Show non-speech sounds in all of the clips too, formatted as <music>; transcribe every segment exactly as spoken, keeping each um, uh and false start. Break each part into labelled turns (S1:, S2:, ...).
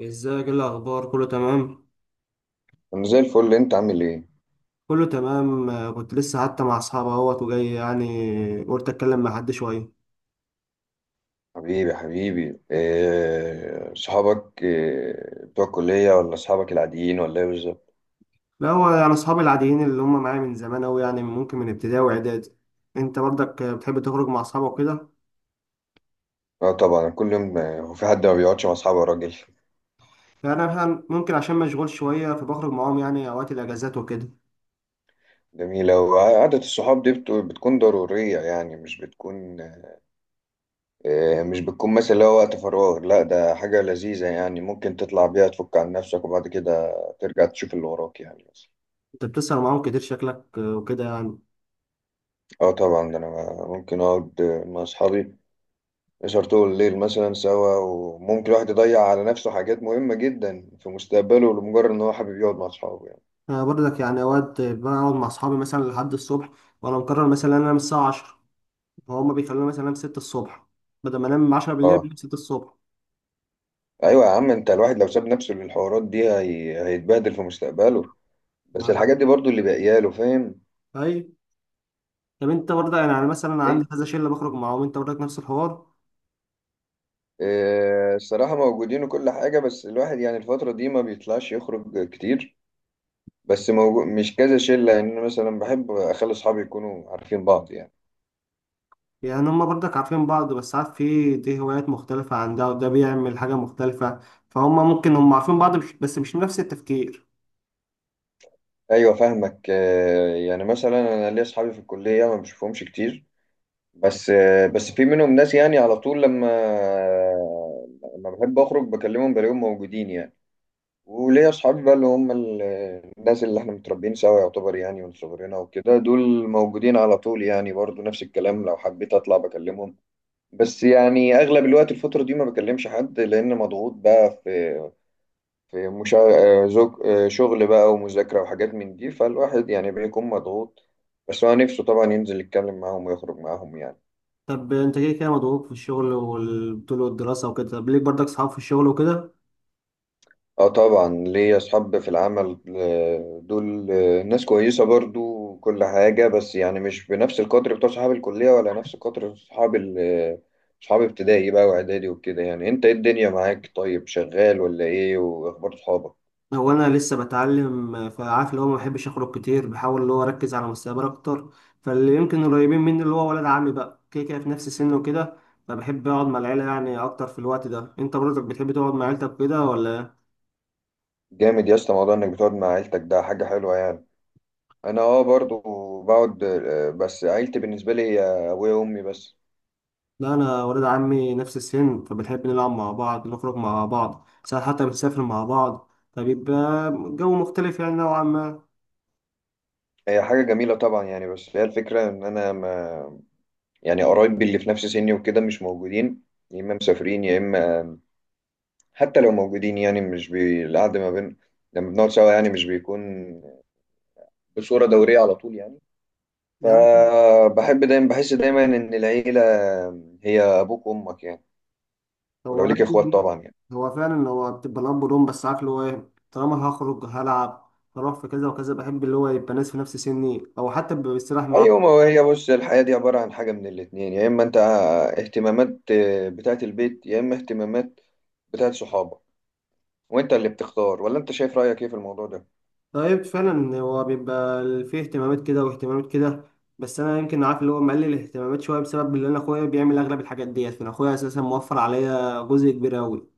S1: ازيك، ايه الاخبار؟ كله تمام؟
S2: انا زي الفل. انت عامل ايه؟
S1: كله تمام. آه، كنت لسه حتى مع اصحابي اهوت وجاي، يعني قلت اتكلم مع حد شويه.
S2: حبيبي حبيبي، إيه صحابك، إيه بتوع الكلية ولا صحابك العاديين ولا ايه بالظبط؟
S1: لا هو يعني اصحابي العاديين اللي هم معايا من زمان اوي، يعني ممكن من ابتدائي واعدادي. انت برضك آه، بتحب تخرج مع اصحابك وكده؟
S2: اه طبعا كل يوم. آه، هو في حد ما بيقعدش مع اصحابه يا راجل؟
S1: يعني انا مثلاً ممكن عشان مشغول شويه، فبخرج معاهم يعني اوقات الاجازات وكده.
S2: جميلة. وقعدة الصحاب دي بت- بتكون ضرورية، يعني مش بتكون إيه، مش بتكون مثلا اللي هو وقت فراغ. لا، ده حاجة لذيذة يعني ممكن تطلع بيها تفك عن نفسك، وبعد كده ترجع تشوف اللي وراك يعني.
S1: انت بتسهر معاهم كتير شكلك آه، وكده يعني؟
S2: اه طبعا، ده انا ممكن اقعد مع اصحابي سهر طول الليل مثلا سوا، وممكن الواحد يضيع على نفسه حاجات مهمة جدا في مستقبله لمجرد ان هو حابب يقعد مع اصحابه يعني.
S1: انا برضك يعني اوقات آه، بقعد مع اصحابي مثلا لحد الصبح، وانا مقرر مثلا ان انا انام الساعه عشرة، وهم بيخلوني مثلا انام ستة الصبح. بدل ما انام عشرة بالليل
S2: اه.
S1: بنام ستة الصبح.
S2: ايوه يا عم، انت الواحد لو ساب نفسه للحوارات دي هي... هيتبهدل في مستقبله. بس
S1: ما.
S2: الحاجات دي برضو اللي باقيه له، فاهم.
S1: اي. طب انت برضه يعني انا مثلا
S2: اي.
S1: عندي كذا شله بخرج معاهم، انت برضك نفس الحوار؟
S2: آه، الصراحة موجودين وكل حاجة، بس الواحد يعني الفترة دي ما بيطلعش يخرج كتير. بس موجود، مش كذا شلة يعني، أنا مثلا بحب أخلي أصحابي يكونوا عارفين بعض يعني.
S1: يعني هما برضك عارفين بعض، بس عارف في دي هوايات مختلفه عن ده، وده بيعمل حاجه مختلفه، فهم ممكن هم عارفين بعض مش بس مش نفس التفكير.
S2: أيوة فاهمك. آه، يعني مثلا أنا ليا أصحابي في الكلية ما بشوفهمش كتير. بس آه، بس في منهم ناس يعني على طول لما لما بحب اخرج بكلمهم بلاقيهم موجودين يعني. وليا اصحابي بقى اللي هم ال- الناس اللي احنا متربيين سوا يعتبر، يعني من صغرنا وكده، دول موجودين على طول يعني، برضو نفس الكلام لو حبيت اطلع بكلمهم. بس يعني اغلب الوقت الفترة دي ما بكلمش حد لان مضغوط بقى في في مشا... آه، زوج... آه، شغل بقى ومذاكرة وحاجات من دي، فالواحد يعني بيكون مضغوط. بس هو نفسه طبعا ينزل يتكلم معاهم ويخرج معاهم يعني.
S1: طب انت كده كده مضغوط في الشغل والبطوله والدراسه وكده، طب ليك برضك صحاب في الشغل وكده؟
S2: اه طبعا ليا اصحاب في العمل. آه، دول آه، ناس كويسه برضو كل حاجه. بس يعني مش بنفس القدر بتوع صحاب الكليه، ولا نفس قدر صحاب ال- آه، صحاب ابتدائي بقى واعدادي وكده يعني. انت ايه الدنيا معاك؟ طيب، شغال ولا ايه؟ واخبار صحابك؟
S1: هو انا لسه بتعلم، فعارف اللي هو ما بحبش اخرج كتير، بحاول اللي هو اركز على مستقبلي اكتر. فاللي يمكن قريبين مني اللي هو ولد عمي، بقى كده كده في نفس السن وكده، فبحب اقعد مع العيله يعني اكتر في الوقت ده. انت برضك بتحب تقعد مع عيلتك كده ولا؟
S2: جامد يا اسطى، موضوع انك بتقعد مع عيلتك ده حاجه حلوه يعني. انا اه برضو بقعد. آه، بس عيلتي بالنسبه لي هي ابويا وامي بس.
S1: لا، انا ولد عمي نفس السن فبنحب نلعب مع بعض، نخرج مع بعض ساعات، حتى بنسافر مع بعض، فبيبقى جو مختلف يعني نوعا ما.
S2: هي حاجه جميله طبعا يعني، بس هي الفكره ان انا ما يعني قرايبي اللي في نفس سني وكده مش موجودين. يا إما مسافرين، يا إما حتى لو موجودين يعني مش بي... القعدة ما بين لما بنقعد سوا يعني مش بيكون بصورة دورية على طول يعني.
S1: يعني
S2: فبحب دايما، بحس دايما إن العيلة هي أبوك وأمك يعني،
S1: هو
S2: ولو ليك إخوات
S1: عنده-
S2: طبعا يعني.
S1: هو فعلا هو بتبقى الاب والام، بس عارف اللي هو ايه، طالما أنا هخرج هلعب هروح في كذا وكذا، بحب اللي هو يبقى ناس في نفس سني او حتى بيستريح معاه.
S2: أيوة، ما هو هي بص، الحياة دي عبارة عن حاجة من الاتنين، يا إما أنت اهتمامات بتاعة البيت، يا إما اهتمامات بتاعة صحابك. وأنت اللي بتختار، ولا أنت شايف رأيك إيه في الموضوع ده؟
S1: طيب فعلا هو بيبقى فيه اهتمامات كده واهتمامات كده، بس انا يمكن عارف اللي هو مقلل الاهتمامات شويه بسبب اللي انا اخويا بيعمل اغلب الحاجات ديت، فانا اخويا اساسا موفر عليا جزء كبير قوي.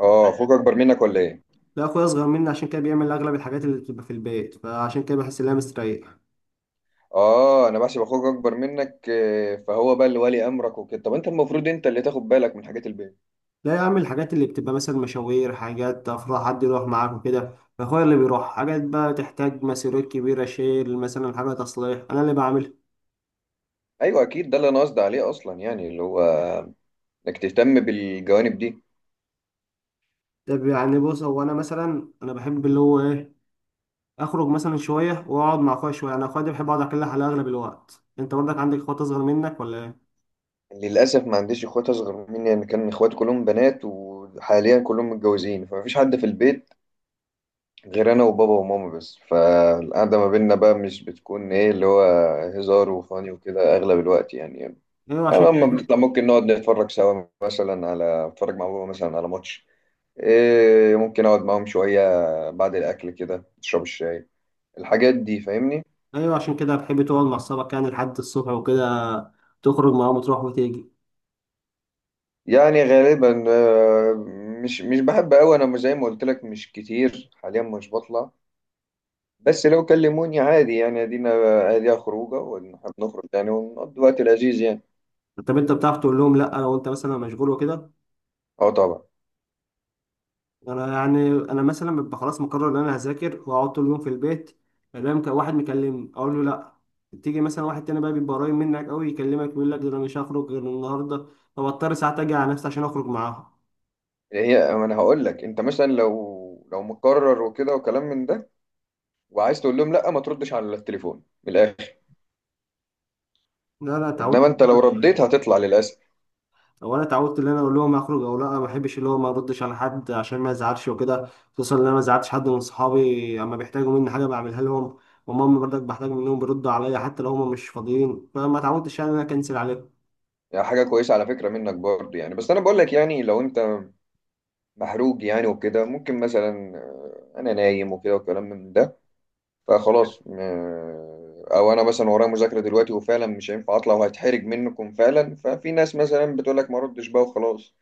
S2: آه، أخوك أكبر منك ولا إيه؟
S1: لا اخويا اصغر مني، عشان كده بيعمل اغلب الحاجات اللي بتبقى في البيت، فعشان كده بحس ان انا مستريح.
S2: اه، انا بحسب اخوك اكبر منك آه، فهو بقى اللي ولي امرك وكده. طب انت المفروض انت اللي تاخد بالك من حاجات البيت.
S1: لا يا عم، الحاجات اللي بتبقى مثلا مشاوير، حاجات افراح حد يروح معاك وكده، فاخويا اللي بيروح. حاجات بقى تحتاج مسيرات كبيره، شيل، مثلا حاجه تصليح، انا اللي بعملها.
S2: ايوه اكيد، ده اللي انا قصدي عليه اصلا، يعني اللي هو انك تهتم بالجوانب دي.
S1: طب يعني بص، هو انا مثلا انا بحب اللي هو ايه، اخرج مثلا شويه واقعد مع اخويا شويه. انا اخويا ده بحب اقعد اكلها على اغلب الوقت. انت برضك عندك اخوات اصغر منك ولا ايه؟
S2: للاسف ما عنديش اخوات اصغر مني يعني. كان اخواتي كلهم بنات، وحاليا كلهم متجوزين، فمفيش حد في البيت غير انا وبابا وماما بس. فالقعده ما بيننا بقى مش بتكون ايه اللي هو هزار وفاني وكده اغلب الوقت يعني يعني.
S1: ايوه، عشان
S2: لما
S1: كده.
S2: بنطلع ممكن نقعد نتفرج سوا مثلا، على نتفرج مع بابا مثلا على ماتش، إيه، ممكن اقعد معاهم شوية بعد الاكل كده، اشرب الشاي، الحاجات دي فاهمني.
S1: <laughs> ايوه، عشان كده بحب تقعد مع اصحابك يعني لحد الصبح وكده، تخرج معاهم وتروح وتيجي؟
S2: يعني غالبا آه، مش مش بحب قوي، انا زي ما قلت لك مش كتير حاليا مش بطلع. بس لو كلموني عادي يعني ادينا اديها خروجه، ونحب نخرج يعني ونقضي وقت لذيذ يعني.
S1: طب انت بتعرف تقول لهم لا لو انت مثلا مشغول وكده؟
S2: اه طبعا.
S1: انا يعني انا مثلا ببقى خلاص مقرر ان انا هذاكر واقعد طول اليوم في البيت، الاقي واحد مكلمني اقول له لا. تيجي مثلا واحد تاني بقى بيبقى قريب منك قوي يكلمك يقول لك ده انا مش هخرج غير النهارده، فبضطر ساعات اجي على نفسي عشان اخرج معاهم.
S2: هي ما انا هقول لك، انت مثلا لو لو مقرر وكده وكلام من ده، وعايز تقول لهم لا، ما تردش على التليفون من الاخر.
S1: لا، انا
S2: انما
S1: اتعودت
S2: انت لو
S1: بكل حاجة.
S2: رديت هتطلع للاسف.
S1: او انا اتعودت ان انا اقول لهم هخرج او لا، ما بحبش اللي هو ما اردش على حد عشان ما ازعلش وكده. خصوصا ان انا ما ازعلتش حد من صحابي، اما بيحتاجوا مني حاجه بعملها لهم، وماما برضك بحتاج منهم بيردوا عليا حتى لو هم مش فاضيين، فما اتعودتش يعني ان انا اكنسل عليهم.
S2: يعني حاجة كويسة على فكرة منك برضه يعني، بس أنا بقول لك يعني لو أنت محروق يعني وكده، ممكن مثلا آه، أنا نايم وكده وكلام من ده، فخلاص. آه، أو أنا مثلا ورايا مذاكرة دلوقتي وفعلا مش هينفع أطلع، وهتحرج منكم فعلا. ففي ناس مثلا بتقول لك ما ردش بقى وخلاص.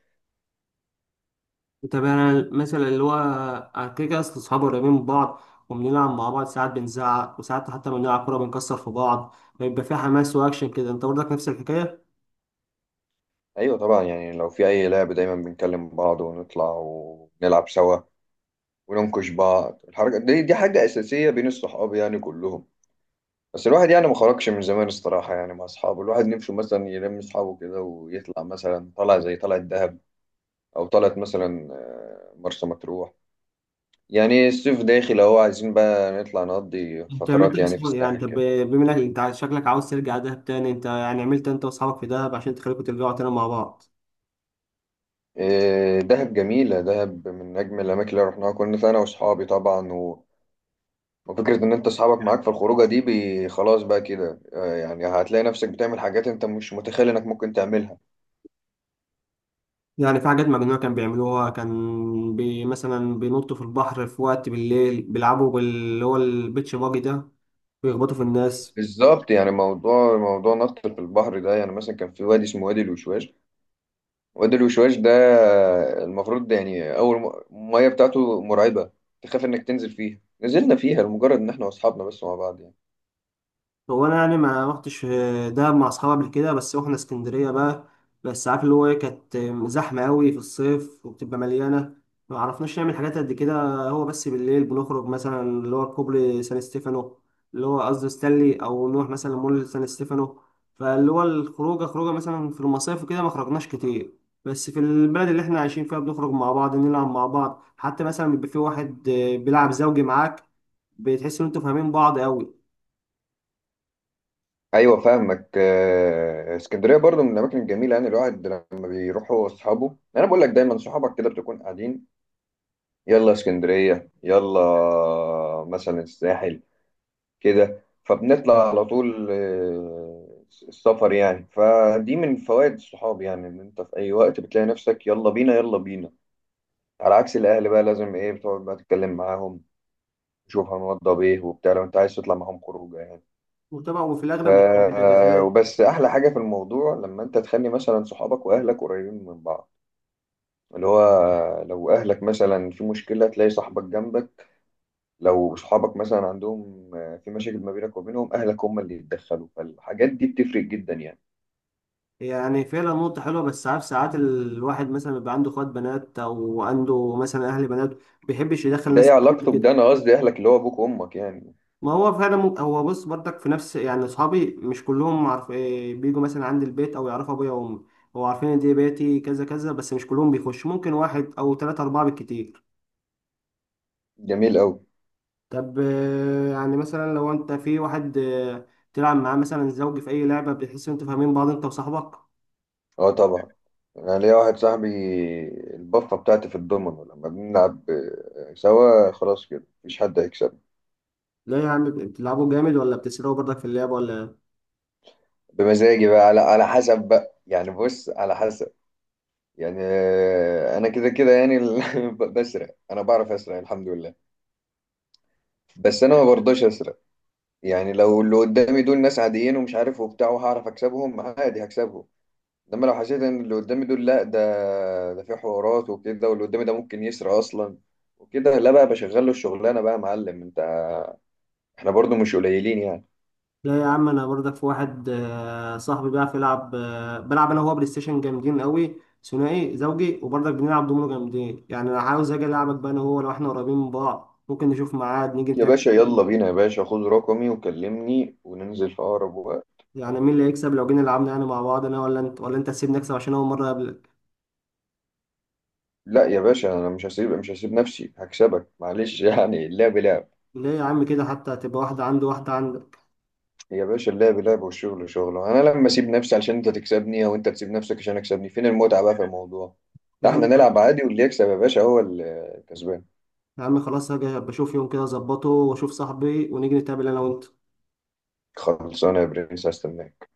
S1: طب انا مثلا اللي هو أنا كده كده، اصل اصحابي قريبين من بعض، وبنلعب مع بعض ساعات بنزعق، وساعات حتى بنلعب كوره بنكسر في بعض، بيبقى في حماس واكشن كده. انت برضك نفس الحكايه؟
S2: أيوة طبعا يعني لو في أي لعب دايما بنكلم بعض ونطلع ونلعب سوا وننكش بعض. الحركة دي، دي حاجة أساسية بين الصحاب يعني كلهم. بس الواحد يعني ما خرجش من زمان الصراحة يعني مع أصحابه. الواحد نمشي مثلا يلم أصحابه كده ويطلع مثلا، طلع زي طلعة دهب، أو طلعت مثلا آه، مرسى مطروح يعني. الصيف داخل أهو، عايزين بقى نطلع نقضي
S1: انت عملت
S2: فترات
S1: ايه
S2: يعني في
S1: بصحابك؟ يعني
S2: الساحل
S1: طب
S2: كده.
S1: بما انك انت عايز- شكلك عاوز ترجع دهب تاني، انت يعني عملت انت واصحابك في دهب عشان تخليكم ترجعوا تاني مع بعض؟
S2: آه، دهب جميلة، دهب من أجمل الأماكن اللي رحناها. كنا أنا وأصحابي طبعا و... وفكرة إن أنت أصحابك معاك في الخروجة دي بي... خلاص بقى كده، آه، يعني هتلاقي نفسك بتعمل حاجات أنت مش متخيل إنك ممكن تعملها.
S1: يعني في حاجات مجنونه كان بيعملوها، كان بي مثلا بينطوا في البحر في وقت بالليل، بيلعبوا باللي هو البيتش باجي ده، بيخبطوا في الناس.
S2: بالظبط، يعني موضوع موضوع نط في البحر ده، يعني مثلا كان في وادي اسمه وادي الوشواش. وادي الوشواش ده المفروض ده يعني اول م- الميه بتاعته مرعبه، تخاف انك تنزل فيها. نزلنا فيها لمجرد ان احنا واصحابنا بس مع بعض يعني.
S1: هو انا يعني ما رحتش دهب مع اصحابي قبل كده، بس رحنا اسكندريه بقى. بس عارف اللي هو ايه، كانت زحمه قوي في الصيف وبتبقى مليانه، ما عرفناش نعمل حاجات قد كده. هو بس بالليل بنخرج مثلا اللي هو كوبري سان ستيفانو، اللي هو قصدي ستانلي، او نروح مثلا مول سان ستيفانو. فاللي هو الخروجه خروجه مثلا في المصايف وكده ما خرجناش كتير، بس في البلد اللي احنا عايشين فيها بنخرج مع بعض نلعب مع بعض، حتى مثلا بيبقى في واحد بيلعب زوجي معاك، بتحس ان انتوا فاهمين بعض قوي.
S2: ايوه فاهمك. آه، اسكندريه برضو من الاماكن الجميله يعني. الواحد لما بيروح هو واصحابه، انا بقول لك دايما صحابك كده بتكون قاعدين، يلا اسكندريه، يلا مثلا الساحل كده، فبنطلع على طول. آه، السفر يعني فدي من فوائد الصحاب يعني، ان انت في اي وقت بتلاقي نفسك يلا بينا يلا بينا. على عكس الاهل بقى لازم ايه بتقعد بقى تتكلم معاهم، تشوف هنوضب ايه وبتاع لو انت عايز تطلع معاهم خروجه يعني.
S1: وطبعا وفي
S2: ف.
S1: الاغلب بتبقى في الاجازات.
S2: وبس احلى حاجه في الموضوع لما انت تخلي مثلا صحابك واهلك قريبين من بعض، اللي هو لو اهلك مثلا في مشكله تلاقي صاحبك جنبك، لو صحابك مثلا عندهم آه، في مشاكل ما بينك وبينهم، اهلك هم اللي يتدخلوا. فالحاجات دي بتفرق جدا يعني.
S1: يعني فعلا نقطة حلوة، بس عارف ساعات الواحد مثلا بيبقى عنده اخوات بنات او عنده مثلا اهل بنات، ما بيحبش يدخل
S2: ده ايه
S1: ناس كتير
S2: علاقته
S1: كده.
S2: بده؟ انا قصدي اهلك اللي هو ابوك وامك يعني.
S1: ما هو فعلا ممكن، هو بص برضك في نفس يعني اصحابي مش كلهم، عارف إيه، بيجوا مثلا عند البيت او يعرفوا ابويا وامي. هو عارفين ان دي بيتي كذا كذا، بس مش كلهم بيخش، ممكن واحد او ثلاثة اربعة بالكتير.
S2: جميل قوي.
S1: طب آه، يعني مثلا لو انت في واحد آه، تلعب معاه مثلا زوجي في اي لعبة، بتحس ان انتوا فاهمين بعض انت وصاحبك؟
S2: اه طبعا. انا ليا واحد صاحبي، البفه بتاعتي في الضمن، لما بنلعب آه، سوا خلاص كده مفيش حد هيكسب.
S1: لا يا عم، بتلعبوا جامد ولا بتسرقوا برضك في اللعب ولا إيه؟
S2: بمزاجي بقى على على حسب بقى، يعني بص على حسب، يعني آه، انا كده كده يعني ال- <laughs> بسرق، انا بعرف اسرق الحمد لله. بس انا ما برضاش اسرق. يعني لو اللي قدامي دول ناس عاديين ومش عارف وبتاع وهعرف اكسبهم عادي، هكسبهم. انما لو حسيت ان اللي قدامي دول لا، ده ده في حوارات وكده، واللي قدامي ده ممكن يسرق اصلا وكده، لا بقى بشغل له الشغلانه بقى يا معلم انت. احنا برضو مش قليلين يعني.
S1: لا يا عم، انا برضك في واحد آه، صاحبي بيعرف يلعب، آه، بلعب انا وهو بلاي ستيشن جامدين قوي ثنائي زوجي، وبرضك بنلعب دومينو جامدين. يعني انا عاوز اجي العبك بقى انا وهو، لو احنا قريبين من بعض ممكن نشوف ميعاد نيجي
S2: يا
S1: نتقابل.
S2: باشا يلا بينا، يا باشا خد رقمي وكلمني وننزل في اقرب وقت.
S1: يعني مين اللي
S2: و...
S1: هيكسب لو جينا لعبنا يعني مع بعض، انا ولا انت؟ ولا انت تسيبني اكسب عشان اول مره اقابلك؟
S2: لا يا باشا، انا مش هسيب مش هسيب نفسي، هكسبك معلش، يعني اللعب لعب.
S1: ليه يا عم كده، حتى هتبقى واحده عندي واحده عندك.
S2: يا باشا اللعب لعب والشغل شغل. انا لما اسيب نفسي علشان انت تكسبني، او انت تسيب نفسك عشان اكسبني، فين المتعة بقى في الموضوع؟
S1: يا
S2: لا
S1: عم،
S2: احنا نلعب عادي واللي يكسب يا باشا هو الكسبان.
S1: يا عم خلاص، هاجي بشوف يوم كده اظبطه واشوف صاحبي ونيجي نتقابل انا وانت.
S2: خلصانه يا برنس، هستناك.